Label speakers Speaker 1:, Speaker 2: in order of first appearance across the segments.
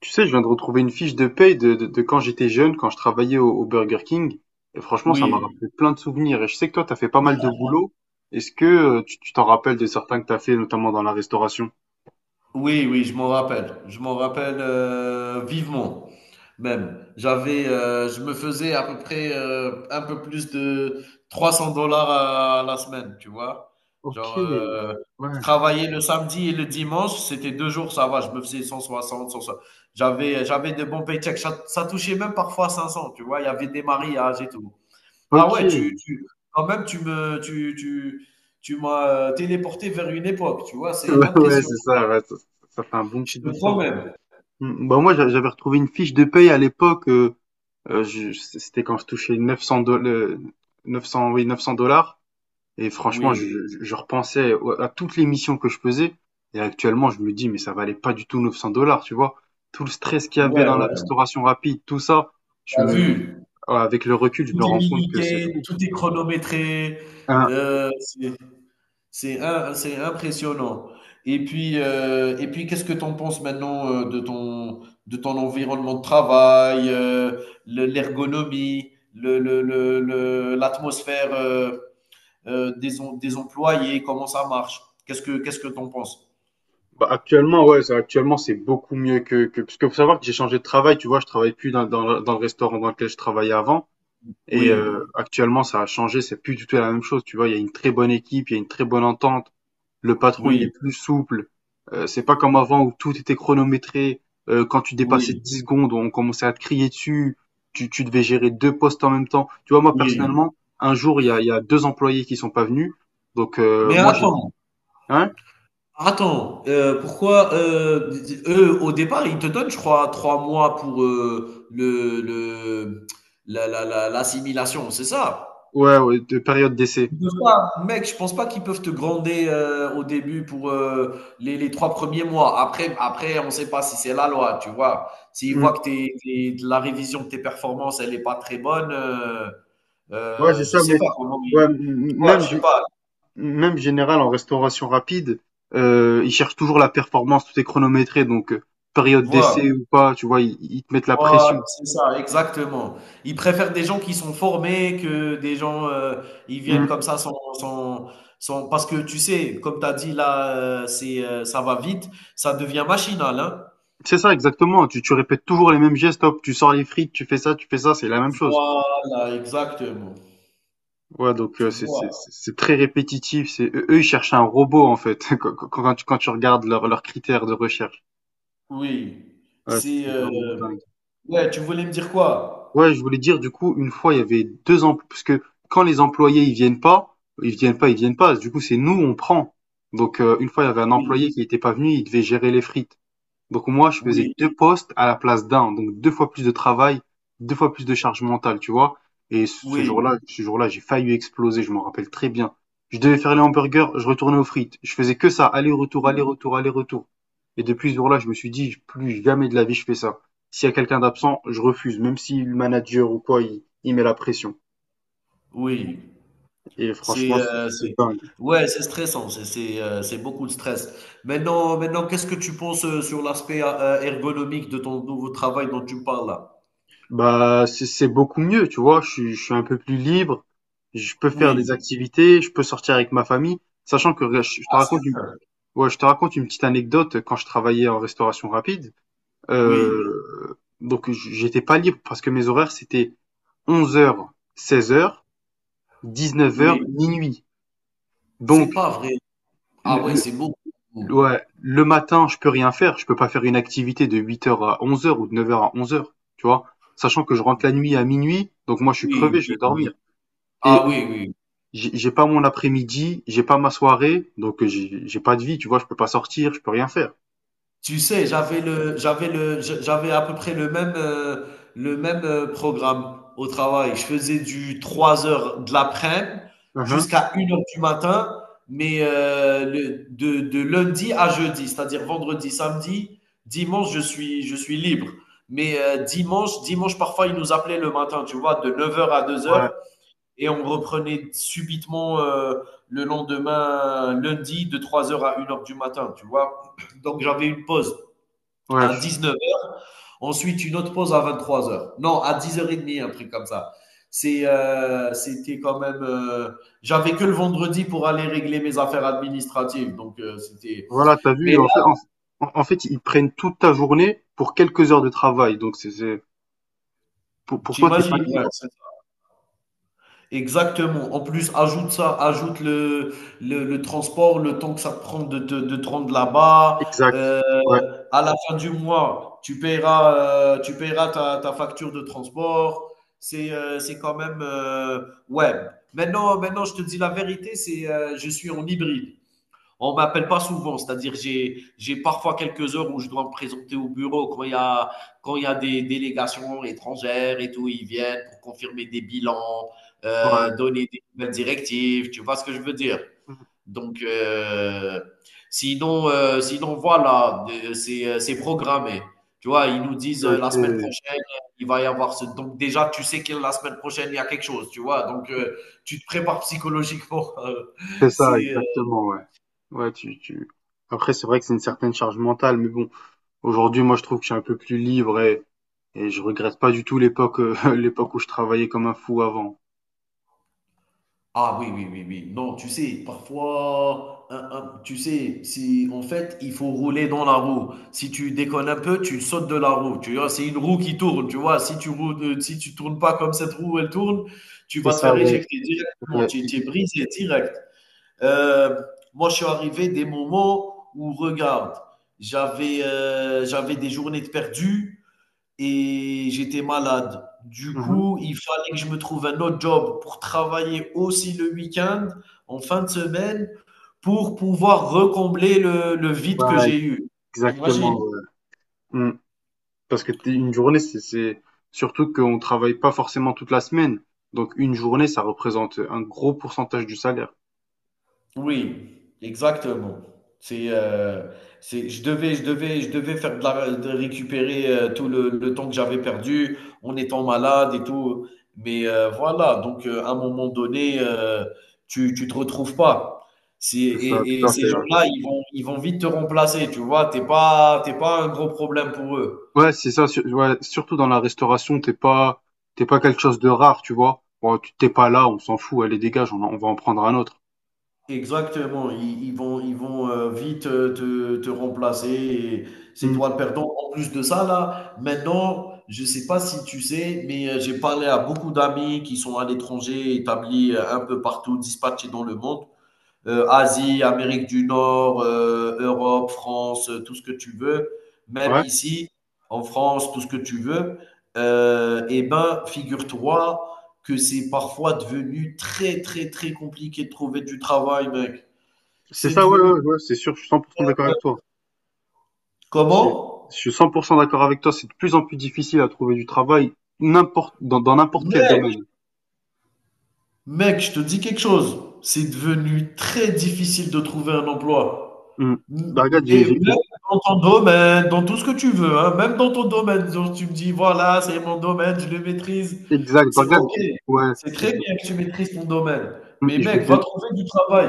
Speaker 1: Tu sais, je viens de retrouver une fiche de paye de quand j'étais jeune, quand je travaillais au Burger King. Et franchement, ça m'a
Speaker 2: Oui,
Speaker 1: rappelé plein de souvenirs. Et je sais que toi, t'as fait pas mal de boulot. Est-ce que tu t'en rappelles de certains que t'as fait, notamment dans la restauration?
Speaker 2: oui, oui, je m'en rappelle. Je m'en rappelle vivement, même. Je me faisais à peu près un peu plus de 300 dollars à la semaine, tu vois. Genre,
Speaker 1: Ok,
Speaker 2: je
Speaker 1: ouais,
Speaker 2: travaillais le samedi et le dimanche, c'était deux jours, ça va, je me faisais cent soixante, cent soixante. J'avais de bons paychecks. Ça touchait même parfois 500, tu vois. Il y avait des mariages et tout. Ah
Speaker 1: ok.
Speaker 2: ouais, quand même, tu me, tu m'as téléporté vers une époque, tu vois. C'est
Speaker 1: Ouais, ouais,
Speaker 2: impressionnant.
Speaker 1: c'est ça, ouais, ça fait un bon petit
Speaker 2: Je te
Speaker 1: bout de temps.
Speaker 2: promets.
Speaker 1: Bah moi, j'avais retrouvé une fiche de paye à l'époque. C'était quand je touchais 900 dollars, 900, oui, 900 dollars. Et franchement,
Speaker 2: Oui,
Speaker 1: je repensais à toutes les missions que je faisais. Et actuellement, je me dis, mais ça valait pas du tout 900 dollars, tu vois. Tout le stress qu'il y avait
Speaker 2: ouais,
Speaker 1: dans la restauration rapide, tout ça, je
Speaker 2: t'as
Speaker 1: me,
Speaker 2: vu,
Speaker 1: avec le recul, je
Speaker 2: tout
Speaker 1: me
Speaker 2: est
Speaker 1: rends compte que c'est
Speaker 2: miniqué,
Speaker 1: fou.
Speaker 2: tout est chronométré,
Speaker 1: Hein,
Speaker 2: heu, c'est c'est impressionnant. Et puis, qu'est-ce que tu en penses maintenant, de ton environnement de travail, le l'ergonomie, le l'atmosphère, des employés, comment ça marche? Qu'est-ce que tu en penses?
Speaker 1: bah, actuellement, ouais, ça, actuellement, c'est beaucoup mieux parce que faut savoir que j'ai changé de travail, tu vois, je travaille plus dans le restaurant dans lequel je travaillais avant. Et
Speaker 2: Oui,
Speaker 1: actuellement, ça a changé, c'est plus du tout la même chose, tu vois. Il y a une très bonne équipe, il y a une très bonne entente. Le patron, il est
Speaker 2: oui,
Speaker 1: plus souple. C'est pas comme avant où tout était chronométré. Quand tu dépassais
Speaker 2: oui,
Speaker 1: 10 secondes, on commençait à te crier dessus. Tu devais gérer deux postes en même temps. Tu vois, moi,
Speaker 2: oui,
Speaker 1: personnellement, un jour, il y a deux employés qui sont pas venus. Donc,
Speaker 2: mais
Speaker 1: moi, j'ai dit,
Speaker 2: attends.
Speaker 1: hein?
Speaker 2: Attends, pourquoi, d eux, au départ, ils te donnent, je crois, 3 mois pour le la la la l'assimilation, c'est ça?
Speaker 1: Ouais, ouais, de période d'essai.
Speaker 2: Ils peuvent pas, mec, je pense pas qu'ils peuvent te gronder au début pour les 3 premiers mois. Après, on sait pas si c'est la loi, tu vois? S'ils voient
Speaker 1: Mm.
Speaker 2: que tes tes la révision de tes performances, elle est pas très bonne,
Speaker 1: Ouais, c'est
Speaker 2: je
Speaker 1: ça, mais
Speaker 2: sais pas comment
Speaker 1: ouais,
Speaker 2: ils. Tu vois?
Speaker 1: même,
Speaker 2: Je sais pas,
Speaker 1: même général en restauration rapide, ils cherchent toujours la performance, tout est chronométré, donc
Speaker 2: tu
Speaker 1: période
Speaker 2: vois?
Speaker 1: d'essai ou pas, tu vois, ils te mettent la
Speaker 2: Voi
Speaker 1: pression.
Speaker 2: c'est ça, exactement. Ils préfèrent des gens qui sont formés que des gens, ils viennent comme ça sans sans, parce que tu sais, comme tu as dit là, ça va vite, ça devient machinal, hein.
Speaker 1: C'est ça, exactement. Tu répètes toujours les mêmes gestes. Hop, tu sors les frites, tu fais ça, c'est la même chose.
Speaker 2: Voilà, exactement.
Speaker 1: Ouais, donc
Speaker 2: Tu vois?
Speaker 1: c'est très répétitif. C'est eux, ils cherchent un robot en fait. Quand tu quand tu regardes leurs critères de recherche,
Speaker 2: Oui,
Speaker 1: ouais,
Speaker 2: c'est,
Speaker 1: c'est vraiment
Speaker 2: heu
Speaker 1: dingue.
Speaker 2: ouais, tu voulais me dire quoi?
Speaker 1: Ouais, je voulais dire du coup, une fois, il y avait deux emplois parce que quand les employés ils viennent pas, ils viennent pas, ils viennent pas. Du coup, c'est nous on prend. Donc une fois, il y avait un
Speaker 2: Oui,
Speaker 1: employé qui n'était pas venu, il devait gérer les frites. Donc moi, je faisais
Speaker 2: oui,
Speaker 1: deux postes à la place d'un, donc deux fois plus de travail, deux fois plus de charge mentale, tu vois. Et
Speaker 2: oui,
Speaker 1: ce jour-là, j'ai failli exploser, je m'en rappelle très bien. Je devais faire les hamburgers, je retournais aux frites. Je faisais que ça, aller-retour,
Speaker 2: oui,
Speaker 1: aller-retour, aller-retour. Et depuis ce jour-là, je me suis dit, plus jamais de la vie, je fais ça. S'il y a quelqu'un d'absent, je refuse, même si le manager ou quoi, il met la pression.
Speaker 2: oui.
Speaker 1: Et franchement, c'est
Speaker 2: C'est
Speaker 1: dingue.
Speaker 2: ouais, c'est stressant, c'est beaucoup de stress. Maintenant, qu'est-ce que tu penses, sur l'aspect a ergonomique de ton nouveau travail dont tu me parles là?
Speaker 1: Bah, c'est beaucoup mieux, tu vois. Je suis un peu plus libre. Je peux faire des
Speaker 2: Oui,
Speaker 1: activités. Je peux sortir avec ma famille. Sachant que regarde, je te
Speaker 2: ah, c'est
Speaker 1: raconte une,
Speaker 2: bien.
Speaker 1: ouais, je te raconte une petite anecdote. Quand je travaillais en restauration rapide,
Speaker 2: Oui,
Speaker 1: euh, donc j'étais pas libre parce que mes horaires c'était 11 h, 16 h, 19 heures
Speaker 2: oui,
Speaker 1: minuit.
Speaker 2: c'est
Speaker 1: Donc,
Speaker 2: pas vrai. Ah ouais,
Speaker 1: le,
Speaker 2: c'est beaucoup.
Speaker 1: ouais, le matin, je peux rien faire. Je peux pas faire une activité de 8 heures à 11 heures ou de 9 heures à 11 heures, tu vois. Sachant que je rentre la nuit à minuit. Donc moi, je suis
Speaker 2: Oui,
Speaker 1: crevé, je
Speaker 2: oui,
Speaker 1: vais
Speaker 2: oui.
Speaker 1: dormir. Et
Speaker 2: Ah oui, oui.
Speaker 1: j'ai pas mon après-midi, j'ai pas ma soirée, donc j'ai pas de vie, tu vois, je peux pas sortir, je peux rien faire.
Speaker 2: Tu sais, j'avais à peu près le même, programme au travail. Je faisais du 3 heures de l'après-midi
Speaker 1: Uhum.
Speaker 2: jusqu'à une heure du matin, mais de lundi à jeudi, c'est-à-dire vendredi, samedi, dimanche, je suis libre. Mais dimanche, parfois, ils nous appelaient le matin, tu vois, de neuf heures à deux
Speaker 1: Ouais,
Speaker 2: heures, et on reprenait subitement le lendemain, lundi, de trois heures à une heure du matin, tu vois. Donc, j'avais une pause
Speaker 1: ouais,
Speaker 2: à 19 heures. Ensuite, une autre pause à 23 heures. Non, à 10h30, un truc comme ça. C'était quand même, j'avais que le vendredi pour aller régler mes affaires administratives. Donc, c'était.
Speaker 1: voilà, t'as
Speaker 2: Mais
Speaker 1: vu, en fait,
Speaker 2: là,
Speaker 1: en fait, ils prennent toute ta journée pour quelques heures de travail, donc pour toi, t'es pas
Speaker 2: t'imagines, ouais,
Speaker 1: libre.
Speaker 2: c'est. Exactement. En plus, ajoute ça, ajoute le transport, le temps que ça te prend de te rendre là-bas.
Speaker 1: Exact. Ouais,
Speaker 2: À la fin du mois, tu paieras ta facture de transport. C'est quand même, ouais. Maintenant, je te dis la vérité, c'est je suis en hybride. On ne m'appelle pas souvent, c'est-à-dire j'ai parfois quelques heures où je dois me présenter au bureau quand il y a des délégations étrangères et tout, ils viennent pour confirmer des bilans,
Speaker 1: ouais.
Speaker 2: donner des nouvelles directives, tu vois ce que je veux dire? Donc euh, sinon voilà, c'est programmé. Tu vois, ils nous disent la
Speaker 1: Ok.
Speaker 2: semaine prochaine, il va y avoir ce. Donc, déjà tu sais que la semaine prochaine il y a quelque chose, tu vois. Tu te prépares psychologiquement.
Speaker 1: C'est ça,
Speaker 2: c'est
Speaker 1: exactement, ouais. Ouais. Après, c'est vrai que c'est une certaine charge mentale, mais bon, aujourd'hui, moi, je trouve que je suis un peu plus libre et je regrette pas du tout l'époque, l'époque où je travaillais comme un fou avant.
Speaker 2: Ah oui, oui, oui, oui. Non, tu sais, parfois, tu sais, si en fait, il faut rouler dans la roue. Si tu déconnes un peu, tu sautes de la roue. Tu vois, c'est une roue qui tourne. Tu vois, si tu tournes pas comme cette roue, elle tourne, tu
Speaker 1: C'est
Speaker 2: vas te
Speaker 1: ça,
Speaker 2: faire
Speaker 1: ouais.
Speaker 2: éjecter directement.
Speaker 1: Ouais,
Speaker 2: Tu es brisé direct. Euh, Moi, je suis arrivé des moments où, regarde, j'avais des journées de perdu. Et j'étais malade. Du
Speaker 1: mhm.
Speaker 2: coup, il fallait que je me trouve un autre job pour travailler aussi le week-end, en fin de semaine, pour pouvoir recombler le vide
Speaker 1: Ouais,
Speaker 2: que j'ai eu. Tu
Speaker 1: exactement. Ouais. Mm. Parce que une journée, surtout qu'on travaille pas forcément toute la semaine. Donc une journée, ça représente un gros pourcentage du salaire.
Speaker 2: Oui, exactement. C'est, heu, c'est je devais je devais Je devais faire de récupérer tout le temps que j'avais perdu en étant malade et tout. Mais, voilà, donc, à un moment donné, tu te retrouves pas. C'est
Speaker 1: C'est ça, tout
Speaker 2: et
Speaker 1: à fait.
Speaker 2: ces gens-là, ils vont vite te remplacer, tu vois? T'es pas un gros problème pour eux.
Speaker 1: Ouais, ouais, c'est ça. Ouais, surtout dans la restauration, t'es pas quelque chose de rare, tu vois. Bon, tu t'es pas là, on s'en fout. Allez, dégage, on va en prendre un autre.
Speaker 2: Exactement, ils vont vite te remplacer, et c'est
Speaker 1: Mm.
Speaker 2: toi le perdant. En plus de ça, là, maintenant, je sais pas si tu sais, mais j'ai parlé à beaucoup d'amis qui sont à l'étranger, établis un peu partout, dispatchés dans le monde, Asie, Amérique du Nord, Europe, France, tout ce que tu veux, même
Speaker 1: Ouais,
Speaker 2: ici, en France, tout ce que tu veux, eh ben, figure-toi que c'est parfois devenu très, très, très compliqué de trouver du travail, mec.
Speaker 1: c'est
Speaker 2: C'est
Speaker 1: ça. Ouais,
Speaker 2: devenu
Speaker 1: ouais, ouais. C'est sûr. Je suis 100% d'accord avec toi. C'est- Je
Speaker 2: comment?
Speaker 1: suis 100% d'accord avec toi. C'est de plus en plus difficile à trouver du travail n'importe dans n'importe quel domaine.
Speaker 2: Mec, je te dis quelque chose, c'est devenu très difficile de trouver un emploi.
Speaker 1: Mmh.
Speaker 2: N-
Speaker 1: Bah, regarde,
Speaker 2: Et même dans ton domaine, dans tout ce que tu veux, hein, même dans ton domaine, genre, tu me dis, voilà, c'est mon domaine, je le maîtrise.
Speaker 1: exact. Bah,
Speaker 2: C'est
Speaker 1: regarde,
Speaker 2: OK,
Speaker 1: ouais,
Speaker 2: c'est très
Speaker 1: je,
Speaker 2: bien que tu maîtrises ton domaine.
Speaker 1: mmh,
Speaker 2: Mais,
Speaker 1: je vais te
Speaker 2: mec, va
Speaker 1: donner,
Speaker 2: trouver du travail.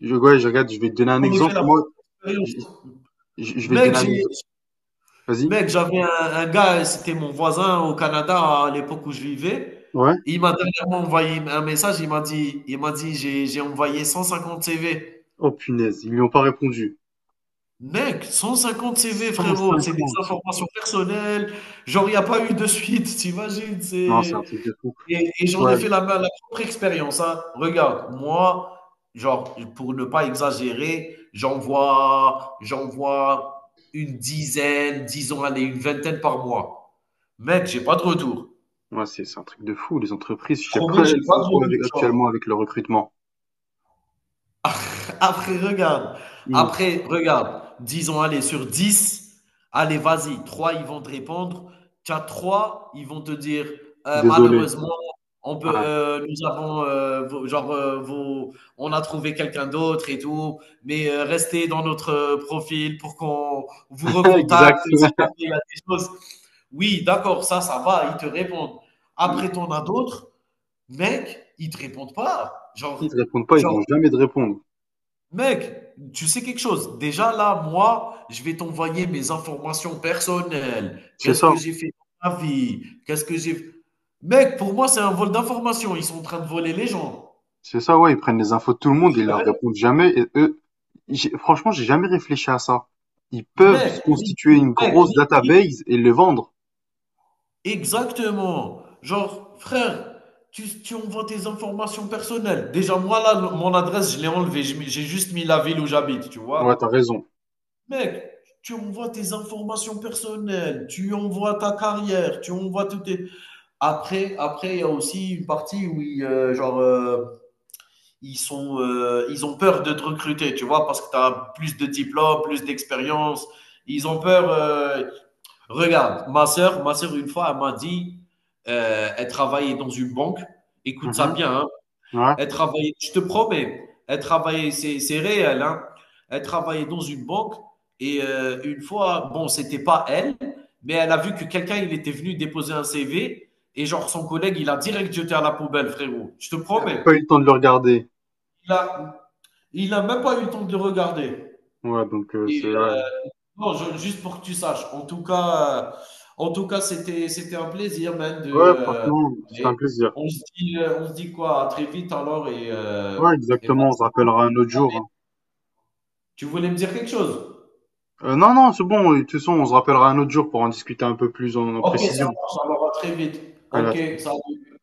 Speaker 1: ouais, je vais te donner un
Speaker 2: J'en ai fait
Speaker 1: exemple.
Speaker 2: la
Speaker 1: Moi,
Speaker 2: propre expérience.
Speaker 1: je, je vais te
Speaker 2: Mec,
Speaker 1: donner un
Speaker 2: j'ai
Speaker 1: exemple. Vas-y.
Speaker 2: Mec, un gars, c'était mon voisin au Canada à l'époque où je vivais.
Speaker 1: Ouais.
Speaker 2: Et il m'a dernièrement envoyé un message, il m'a dit, j'ai envoyé 150 CV.
Speaker 1: Oh, punaise, ils lui ont pas répondu.
Speaker 2: Mec, 150 CV,
Speaker 1: cent
Speaker 2: frérot, c'est des
Speaker 1: cinquante
Speaker 2: informations personnelles. Genre, il n'y a pas eu de suite, t'imagines?
Speaker 1: Non, c'est un truc de fou.
Speaker 2: Et j'en
Speaker 1: Ouais.
Speaker 2: ai fait la propre expérience, hein. Regarde, moi, genre, pour ne pas exagérer, j'en vois une dizaine, disons, allez, une vingtaine par mois. Mec, j'ai pas de retour.
Speaker 1: Ouais, c'est un truc de fou. Les entreprises, je sais
Speaker 2: Promis,
Speaker 1: pas,
Speaker 2: j'ai
Speaker 1: elles
Speaker 2: pas
Speaker 1: font
Speaker 2: de
Speaker 1: quoi
Speaker 2: retour,
Speaker 1: avec,
Speaker 2: genre.
Speaker 1: actuellement avec le recrutement.
Speaker 2: Après, regarde.
Speaker 1: Mmh.
Speaker 2: Après, regarde. Disons, allez, sur 10, allez, vas-y. Trois, ils vont te répondre. Tu as 3, ils vont te dire,
Speaker 1: Désolé.
Speaker 2: malheureusement,
Speaker 1: Ouais.
Speaker 2: nous avons, on a trouvé quelqu'un d'autre et tout, mais restez dans notre profil pour qu'on vous
Speaker 1: Exact.
Speaker 2: recontacte si jamais
Speaker 1: Ouais.
Speaker 2: il y a des choses. Oui, d'accord, ça va, ils te répondent.
Speaker 1: Mmh.
Speaker 2: Après, t'en as d'autres, mec, ils te répondent pas.
Speaker 1: Ils te
Speaker 2: Genre,
Speaker 1: répondent pas, ils
Speaker 2: genre
Speaker 1: vont jamais te répondre.
Speaker 2: mec, tu sais quelque chose? Déjà là, moi, je vais t'envoyer mes informations personnelles.
Speaker 1: C'est
Speaker 2: Qu'est-ce
Speaker 1: ça.
Speaker 2: que j'ai fait dans ma vie? Qu'est-ce que j'ai Mec, pour moi, c'est un vol d'informations. Ils sont en train de voler les gens.
Speaker 1: C'est ça, ouais, ils prennent les infos de tout le monde et ils leur répondent jamais. Et eux, franchement, j'ai jamais réfléchi à ça. Ils peuvent se constituer une
Speaker 2: Mec,
Speaker 1: grosse
Speaker 2: LinkedIn,
Speaker 1: database et le vendre.
Speaker 2: exactement. Genre, frère, tu envoies tes informations personnelles. Déjà, moi, là, mon adresse, je l'ai enlevée. J'ai juste mis la ville où j'habite, tu
Speaker 1: Ouais,
Speaker 2: vois.
Speaker 1: t'as raison.
Speaker 2: Mec, tu envoies tes informations personnelles, tu envoies ta carrière, tu envoies tout tes... Après, il y a aussi une partie où ils, genre, ils, sont, ils ont peur de te recruter, tu vois, parce que tu as plus de diplômes, plus d'expérience. Ils ont peur. Regarde, ma sœur, une fois, elle m'a dit, elle travaillait dans une banque. Écoute ça
Speaker 1: Mhm,
Speaker 2: bien, hein,
Speaker 1: ouais.
Speaker 2: elle travaillait, je te promets, elle travaillait, c'est réel, hein. Elle travaillait dans une banque et une fois, bon, c'était pas elle, mais elle a vu que quelqu'un, il était venu déposer un CV et genre son collègue, il a direct jeté à la poubelle, frérot. Je te
Speaker 1: Il a même
Speaker 2: promets.
Speaker 1: pas eu le temps de le regarder.
Speaker 2: Il a, il a même pas eu le temps de le regarder.
Speaker 1: Ouais, donc c'est
Speaker 2: Et
Speaker 1: ouais.
Speaker 2: non, juste pour que tu saches. En tout cas, c'était un plaisir, man,
Speaker 1: Ouais, franchement, c'était un
Speaker 2: parler.
Speaker 1: plaisir.
Speaker 2: On se dit quoi? À très vite alors et, euh,
Speaker 1: Ouais,
Speaker 2: et voilà.
Speaker 1: exactement. On se rappellera un autre jour, hein.
Speaker 2: Tu voulais me dire quelque chose?
Speaker 1: Non, non, c'est bon. De toute façon, on se rappellera un autre jour pour en discuter un peu plus en,
Speaker 2: OK, ça
Speaker 1: précision.
Speaker 2: marche, ça va très vite.
Speaker 1: Allez, à
Speaker 2: OK,
Speaker 1: très
Speaker 2: salut.